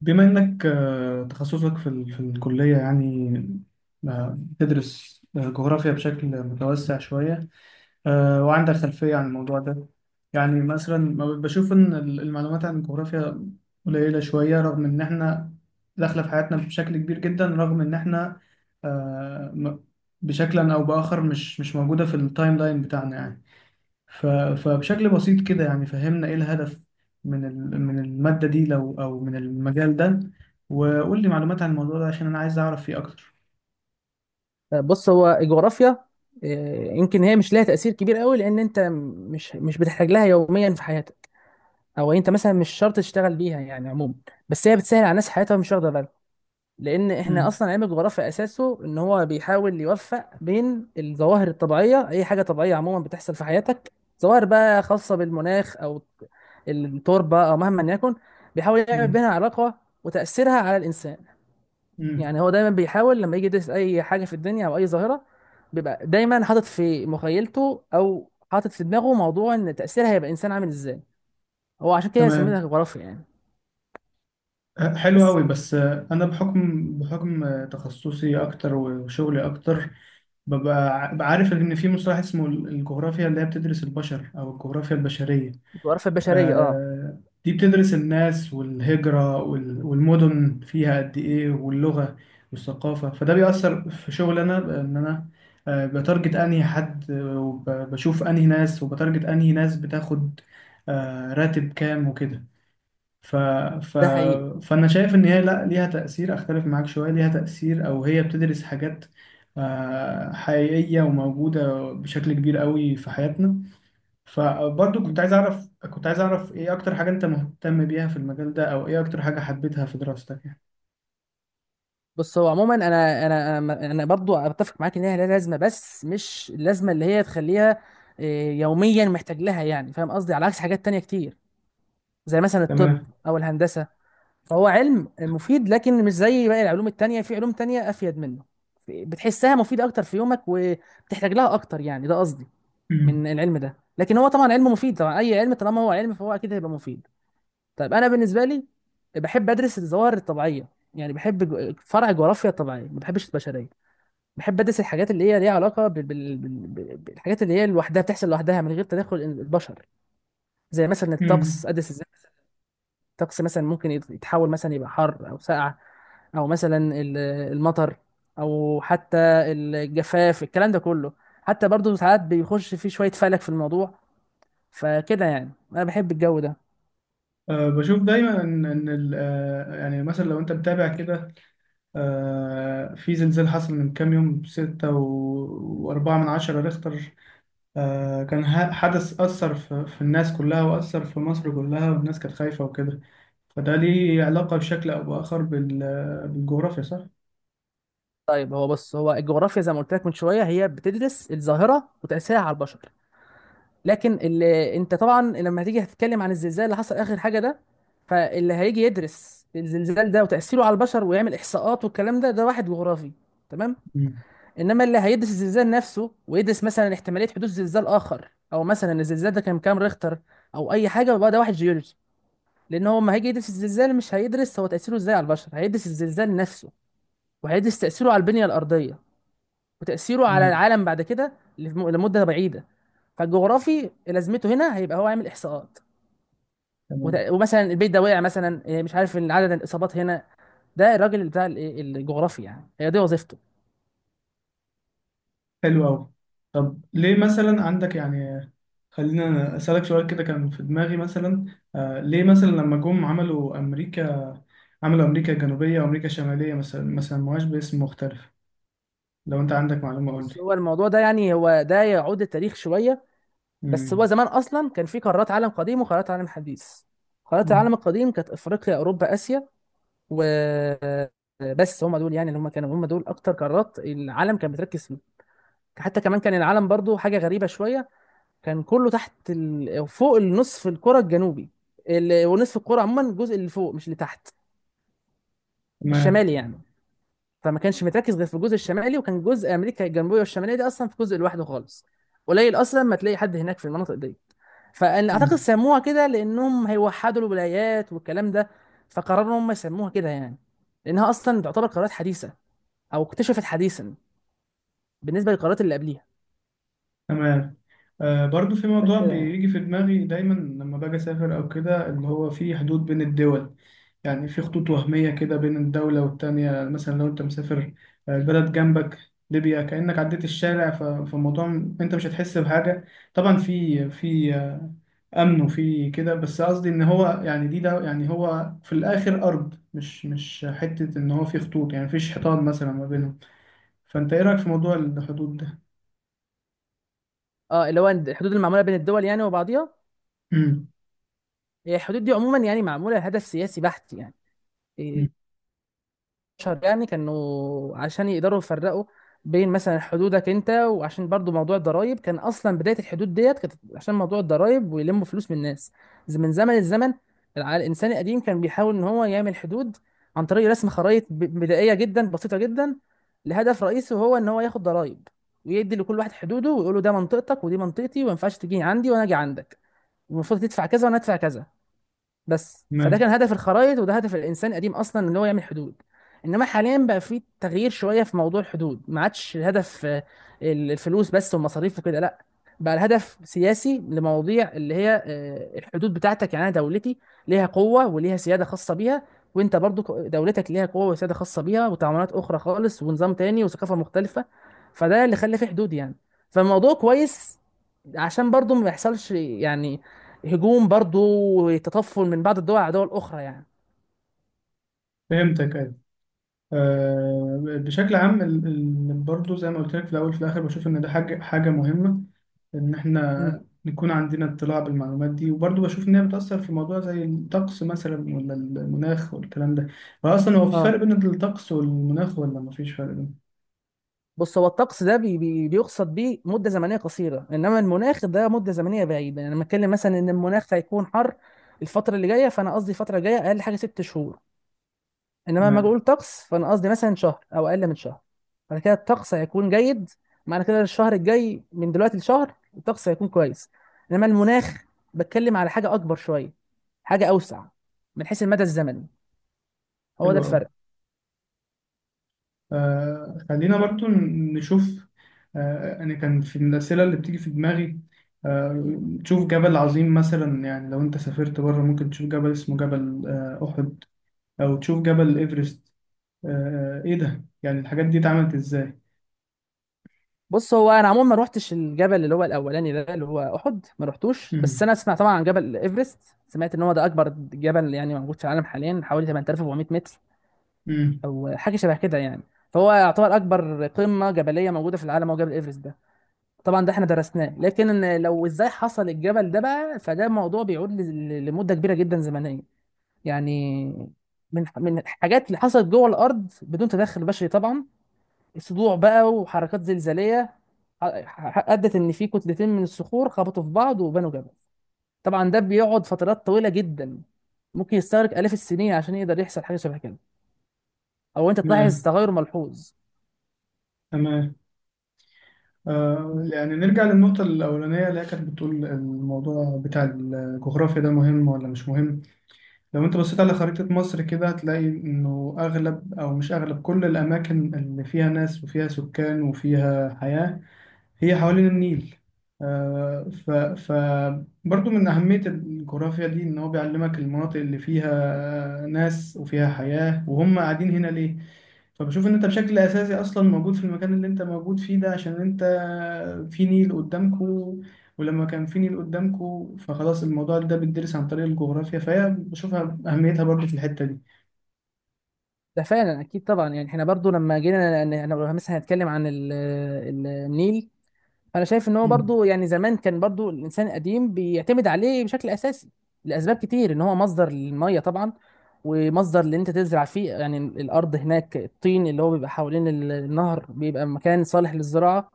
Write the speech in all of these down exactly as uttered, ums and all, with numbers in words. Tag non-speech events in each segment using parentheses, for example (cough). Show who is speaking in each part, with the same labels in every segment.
Speaker 1: بما إنك آه، تخصصك في ال- في الكلية يعني. آه، بتدرس آه، جغرافيا بشكل متوسع شوية. آه، وعندك خلفية عن الموضوع ده. يعني مثلا ما ب- بشوف إن ال- المعلومات عن الجغرافيا قليلة شوية، رغم إن إحنا داخلة في حياتنا بشكل كبير جدا، رغم إن إحنا آه، م- بشكل أو بآخر مش مش موجودة في التايم لاين بتاعنا يعني. ف- فبشكل بسيط كده يعني فهمنا ايه الهدف من ال- من المادة دي، لو او من المجال ده، وقول لي معلومات عن الموضوع ده عشان انا عايز اعرف فيه اكتر.
Speaker 2: بص هو الجغرافيا آه، يمكن هي مش لها تأثير كبير قوي لأن أنت مش مش بتحتاج لها يوميا في حياتك، أو أنت مثلا مش شرط تشتغل بيها يعني عموما. بس هي بتسهل على الناس حياتها مش واخدة بالها، لأن إحنا
Speaker 1: امم.
Speaker 2: أصلا علم الجغرافيا أساسه إن هو بيحاول يوفق بين الظواهر الطبيعية، أي حاجة طبيعية عموما بتحصل في حياتك. ظواهر بقى خاصة بالمناخ أو التربة أو مهما يكن، بيحاول يعمل
Speaker 1: امم.
Speaker 2: بينها علاقة وتأثيرها على الإنسان.
Speaker 1: امم.
Speaker 2: يعني هو دايما بيحاول لما يجي يدرس اي حاجه في الدنيا او اي ظاهره، بيبقى دايما حاطط في مخيلته او حاطط في دماغه موضوع ان تاثيرها هيبقى انسان عامل ازاي. هو عشان كده سميتها
Speaker 1: تمام.
Speaker 2: جغرافيا يعني.
Speaker 1: ه- حلو
Speaker 2: بس
Speaker 1: قوي. بس آه، انا بحكم بحكم آه، تخصصي اكتر وشغلي اكتر، ببقى ع- بعرف ان في مصطلح اسمه ال- الجغرافيا اللي هي بتدرس البشر، او الجغرافيا البشرية.
Speaker 2: الجغرافيا البشريه اه،
Speaker 1: آه، دي بتدرس الناس والهجرة وال- والمدن فيها قد إيه واللغة والثقافة، فده بيأثر في شغل أنا، إن أنا آه، بتارجت أنهي حد، آه، وبشوف أنهي ناس، وبتارجت أنهي ناس بتاخد آه، راتب كام وكده. ف... ف...
Speaker 2: ده حقيقي.
Speaker 1: فأنا شايف إن هي لأ، ليها تأثير، أختلف معاك شوية، ليها تأثير، أو هي بتدرس حاجات آه، حقيقية وموجودة بشكل كبير قوي في حياتنا. فبرضو كنت
Speaker 2: مم.
Speaker 1: عايز اعرف كنت عايز اعرف ايه اكتر حاجة انت مهتم بيها في المجال ده، او ايه اكتر حاجة حبيتها في دراستك يعني.
Speaker 2: بص هو عموما انا انا انا أنا برضو اتفق معاك ان هي لها لازمه، بس مش اللازمه اللي هي تخليها آه، يوميا محتاج لها، يعني فاهم قصدي، على عكس حاجات تانية كتير زي مثلا الطب
Speaker 1: تمام.
Speaker 2: او الهندسه. فهو علم مفيد لكن مش زي باقي العلوم التانية، في علوم تانية أفيد منه، في- بتحسها مفيدة أكتر في يومك وبتحتاج لها أكتر، يعني ده قصدي
Speaker 1: مم.
Speaker 2: من العلم ده. لكن هو طبعا علم مفيد طبعا، أي علم طالما هو علم فهو أكيد هيبقى مفيد. طيب أنا بالنسبة لي بحب أدرس الظواهر الطبيعية، يعني بحب جو- فرع الجغرافيا الطبيعية، ما بحبش البشرية. بحب أدرس الحاجات اللي هي ليها علاقة بال... بال... بال... بالحاجات اللي هي لوحدها بتحصل لوحدها من غير تدخل البشر. زي مثلا
Speaker 1: مم.
Speaker 2: الطقس، أدرس الطقس مثلا ممكن يت- يتحول مثلا يبقى حر او ساقع، او مثلا ال- المطر او حتى الجفاف، الكلام ده كله. حتى برضو ساعات بيخش فيه شوية فلك في الموضوع. فكده يعني انا بحب الجو ده.
Speaker 1: أه، بشوف دايما ان ان ال- آه، يعني مثلا لو انت متابع كده، أه في زلزال حصل من كام يوم، ستة و- وأربعة من عشرة ريختر. أه، كان ه- حدث أثر في, في الناس كلها، وأثر في مصر كلها، والناس كانت خايفة وكده. فده ليه علاقة بشكل أو بآخر بال- بالجغرافيا صح؟
Speaker 2: طيب هو بص هو الجغرافيا زي ما قلت لك من شوية هي بتدرس الظاهرة وتأثيرها على البشر. لكن اللي انت طبعا لما هتيجي هتتكلم عن الزلزال اللي حصل اخر حاجة ده، فاللي هيجي يدرس الزلزال ده وتأثيره على البشر ويعمل إحصاءات والكلام ده، ده واحد جغرافي، تمام.
Speaker 1: مم.
Speaker 2: انما اللي هيدرس الزلزال نفسه ويدرس مثلا احتماليه حدوث زلزال اخر، او مثلا الزلزال ده كان بكام ريختر او اي حاجه، يبقى ده واحد جيولوجي. لان هو لما هيجي يدرس الزلزال مش هيدرس هو تاثيره ازاي على البشر، هيدرس الزلزال نفسه وهيدرس تاثيره على البنيه الارضيه وتاثيره على
Speaker 1: تمام.
Speaker 2: العالم بعد كده لم- لمده بعيده. فالجغرافي لازمته هنا هيبقى هو عامل احصاءات،
Speaker 1: تمام.
Speaker 2: وت- ومثلا البيت ده وقع مثلا إيه، مش عارف، إن عدد الاصابات هنا، ده الراجل بتاع ال- الجغرافي، يعني هي دي وظيفته.
Speaker 1: حلو أوي. طب ليه مثلا عندك يعني، خلينا أسألك سؤال كده كان في دماغي مثلا. آه، ليه مثلا لما جم عملوا أمريكا، عملوا أمريكا الجنوبية وأمريكا الشمالية، مثلا ما سموهاش باسم مختلف؟ لو أنت عندك معلومة قول لي.
Speaker 2: بص هو الموضوع ده يعني هو ده يعود التاريخ شويه، بس هو
Speaker 1: مم.
Speaker 2: زمان اصلا كان في قارات عالم قديم وقارات عالم حديث. قارات
Speaker 1: مم.
Speaker 2: العالم القديم كانت افريقيا، اوروبا، اسيا، و بس هم دول يعني اللي هم كانوا هم دول اكتر قارات العالم كان بتركز فيه. حتى كمان كان العالم برضو حاجه غريبه شويه، كان كله تحت ال... فوق النصف الكره الجنوبي، ال... ونصف الكره عموما الجزء اللي فوق مش اللي تحت،
Speaker 1: تمام.
Speaker 2: الشمالي يعني. فما كانش متركز غير في الجزء الشمالي، وكان جزء امريكا الجنوبيه والشماليه دي اصلا في جزء لوحده خالص، قليل اصلا ما تلاقي حد هناك في المناطق دي. فانا اعتقد
Speaker 1: مم.
Speaker 2: سموها كده لانهم هيوحدوا الولايات والكلام ده، فقرروا هم يسموها كده يعني، لانها اصلا تعتبر قرارات حديثه او اكتشفت حديثا بالنسبه للقرارات اللي قبليها.
Speaker 1: تمام. آه، برضو في
Speaker 2: عشان
Speaker 1: موضوع
Speaker 2: كده يعني.
Speaker 1: بيجي في دماغي دايما لما باجي أسافر أو كده، اللي هو في حدود بين الدول، يعني في خطوط وهمية كده بين الدولة والتانية. مثلا لو أنت مسافر آه، البلد جنبك ليبيا، كأنك عديت الشارع. ف- فالموضوع م- أنت مش هتحس بحاجة، طبعا في في آه، أمن وفي كده، بس قصدي إن هو يعني، دي ده يعني هو في الآخر أرض، مش مش حتة، إن هو في خطوط، يعني مفيش حيطان مثلا ما بينهم. فأنت إيه رأيك في موضوع الحدود ده؟
Speaker 2: اه اللي هو الحدود المعموله بين الدول يعني وبعضيها.
Speaker 1: (clears throat) امم.
Speaker 2: هي الحدود دي عموما يعني معموله لهدف سياسي بحت يعني إيه، شهر يعني كانوا عشان يقدروا يفرقوا بين مثلا حدودك انت، وعشان برضو موضوع الضرايب، كان اصلا بدايه الحدود ديت كانت عشان موضوع الضرايب ويلموا فلوس من الناس. ز- من زمن الزمن، الع- الانسان القديم كان بيحاول ان هو يعمل حدود عن طريق رسم خرائط ب- بدائيه جدا بسيطه جدا، لهدف رئيسي وهو ان هو ياخد ضرايب، ويدي لكل واحد حدوده ويقول له ده منطقتك ودي منطقتي، وما ينفعش تيجي عندي وانا اجي عندك، المفروض تدفع كذا وانا ادفع كذا. بس فده
Speaker 1: تمام.
Speaker 2: كان هدف الخرائط وده هدف الانسان القديم اصلا ان هو يعمل حدود. انما حاليا بقى في تغيير شويه في موضوع الحدود، ما عادش الهدف آه، ال- الفلوس بس والمصاريف وكده، لا، بقى الهدف سياسي لمواضيع اللي هي آه، الحدود بتاعتك، يعني انا دولتي ليها قوه وليها سياده خاصه بيها، وانت برضو ك- دولتك ليها قوه وسياده خاصه بيها، وتعاملات اخرى خالص ونظام تاني وثقافه مختلفه. فده اللي خلى فيه حدود يعني. فالموضوع كويس عشان برضو ما يحصلش يعني هجوم، برضو تطفل من بعض الدول على دول اخرى يعني.
Speaker 1: فهمتك، أيوة. آه، بشكل عام ال- ال- برضو زي ما قلت لك في الأول، في الآخر بشوف إن ده حاجة حاجة مهمة، إن
Speaker 2: امم.
Speaker 1: إحنا نكون عندنا اطلاع بالمعلومات دي، وبرضو بشوف إن هي بتأثر في موضوع زي الطقس مثلا، ولا المناخ والكلام ده. فأصلا هو في
Speaker 2: اه
Speaker 1: فرق بين الطقس والمناخ، ولا مفيش فرق بينهم؟
Speaker 2: بص هو الطقس ده بي بي بيقصد بيه مده زمنيه قصيره، انما المناخ ده مده زمنيه بعيده. يعني لما اتكلم مثلا ان المناخ هيكون حر الفتره اللي جايه، فانا قصدي الفتره الجايه اقل حاجه ست شهور. انما لما اجي
Speaker 1: تمام.
Speaker 2: اقول طقس، فانا قصدي مثلا شهر او اقل من شهر. فانا كده الطقس هيكون جيد، معنى كده الشهر الجاي من دلوقتي لشهر الطقس هيكون كويس. انما المناخ بتكلم على حاجه اكبر شويه، حاجه اوسع من حيث المدى الزمني. هو
Speaker 1: حلو
Speaker 2: ده
Speaker 1: أوي.
Speaker 2: الفرق.
Speaker 1: آه، خلينا برضو ن- نشوف، آه، أنا كان في الأسئلة اللي بتيجي في دماغي، آه، تشوف جبل عظيم مثلا. يعني لو أنت سافرت بره ممكن تشوف جبل اسمه جبل آه، أحد، او تشوف جبل ايفرست، آه آه، ايه ده يعني، الحاجات دي اتعملت ازاي؟
Speaker 2: بص هو انا عموما ما روحتش الجبل اللي هو الاولاني ده اللي هو احد، ما روحتوش. بس
Speaker 1: امم.
Speaker 2: انا اسمع طبعا عن جبل ايفرست، سمعت ان هو ده اكبر جبل يعني موجود في العالم حاليا، حوالي تمانية آلاف وأربعمية متر
Speaker 1: امم.
Speaker 2: او حاجه شبه كده يعني. فهو يعتبر اكبر قمه جبليه موجوده في العالم هو جبل ايفرست ده. طبعا ده احنا درسناه، لكن إن لو ازاي حصل الجبل ده بقى، فده موضوع بيعود ل- ل- لمده كبيره جدا زمنيه يعني. من من الحاجات اللي حصلت جوه الارض بدون تدخل بشري طبعا، صدوع بقى وحركات زلزاليه، ح- ح- ادت ان في كتلتين من الصخور خبطوا في بعض وبنوا جبل. طبعا ده بيقعد فترات طويله جدا، ممكن يستغرق آلاف السنين عشان يقدر يحصل حاجة شبه كده أو أنت تلاحظ
Speaker 1: تمام.
Speaker 2: تغير ملحوظ.
Speaker 1: تمام. آه، يعني نرجع للنقطة الأولانية اللي هي كانت بتقول الموضوع بتاع الجغرافيا ده مهم ولا مش مهم. لو أنت بصيت على خريطة مصر كده، هتلاقي إنه أغلب، أو مش أغلب، كل الأماكن اللي فيها ناس وفيها سكان وفيها حياة، هي حوالين النيل. آه، ف ف برضو من أهمية الجغرافيا دي إن هو بيعلمك المناطق اللي فيها ناس وفيها حياة، وهم قاعدين هنا ليه. فبشوف إن أنت بشكل أساسي أصلا موجود في المكان اللي أنت موجود فيه ده عشان أنت في نيل قدامكوا، ولما كان في نيل قدامكوا فخلاص، الموضوع ده بيدرس عن طريق الجغرافيا، فهي بشوفها أهميتها برضو في الحتة دي.
Speaker 2: ده فعلا أكيد طبعا، يعني إحنا برضو لما جينا أنا أنا مثلا هنتكلم عن ال- ال- النيل. انا شايف ان هو
Speaker 1: مم.
Speaker 2: برضو يعني زمان كان برضو الانسان القديم بيعتمد عليه بشكل اساسي لاسباب كتير، ان هو مصدر للميه طبعا، ومصدر اللي انت تزرع فيه، يعني الارض هناك الطين اللي هو بيبقى حوالين ال- النهر بيبقى مكان صالح للزراعه.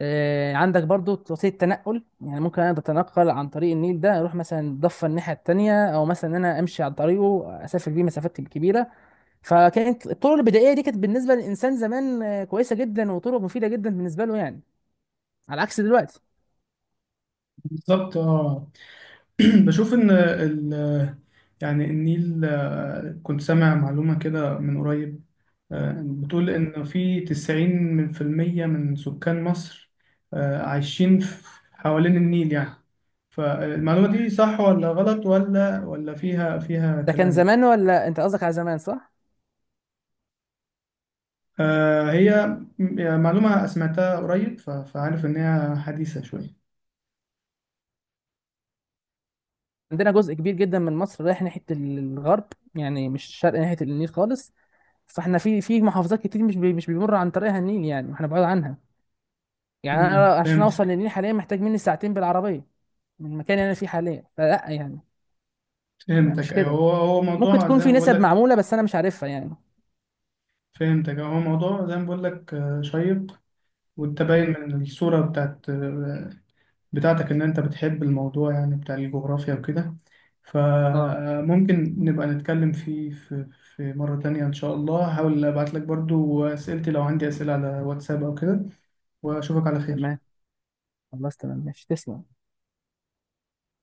Speaker 2: آه، عندك برضو وسيله تنقل، يعني ممكن انا اتنقل عن طريق النيل ده اروح مثلا ضفه الناحيه التانيه، او مثلا ان انا امشي عن طريقه اسافر بيه مسافات كبيره. فكانت الطرق البدائيه دي كانت بالنسبه للانسان زمان آه، كويسه جدا وطرق مفيده جدا بالنسبه له يعني، على عكس دلوقتي.
Speaker 1: بالظبط، اه. (clears throat) بشوف ان ال يعني النيل، آه، كنت سامع معلومة كده من قريب، آه، بتقول ان في تسعين من في المية من سكان مصر آه، عايشين في- حوالين النيل يعني. فالمعلومة دي صح ولا غلط، ولا ولا فيها فيها
Speaker 2: ده كان
Speaker 1: كلام يعني؟
Speaker 2: زمان ولا انت قصدك على زمان صح؟
Speaker 1: آه، هي م- يعني معلومة سمعتها قريب، ف- فعارف ان هي حديثة شوية.
Speaker 2: عندنا جزء كبير جدا من مصر رايح ناحية الغرب يعني، مش الشرق ناحية النيل خالص. فاحنا في في محافظات كتير مش بي مش بيمر عن طريقها النيل، يعني احنا بعاد عنها. يعني
Speaker 1: امم،
Speaker 2: انا عشان اوصل
Speaker 1: فهمتك.
Speaker 2: للنيل حاليا محتاج مني ساعتين بالعربية من المكان اللي انا فيه حاليا، فلا يعني ما
Speaker 1: فهمتك،
Speaker 2: مش
Speaker 1: ايوه.
Speaker 2: كده.
Speaker 1: هو هو
Speaker 2: ممكن
Speaker 1: موضوع
Speaker 2: تكون
Speaker 1: زي
Speaker 2: في
Speaker 1: ما بقول
Speaker 2: نسب
Speaker 1: لك،
Speaker 2: معمولة بس انا مش عارفها يعني.
Speaker 1: فهمتك. هو موضوع زي ما بقول لك آه، شيق، وانت باين
Speaker 2: امم
Speaker 1: من الصورة بتاعت بتاعتك ان انت بتحب الموضوع يعني بتاع الجغرافيا وكده،
Speaker 2: اه
Speaker 1: فممكن نبقى نتكلم فيه في في مرة تانية ان شاء الله. هحاول ابعت لك برضو اسئلتي لو عندي اسئلة على واتساب او كده، واشوفك على
Speaker 2: تمام.
Speaker 1: خير.
Speaker 2: خلاص تمام ماشي، تسلم.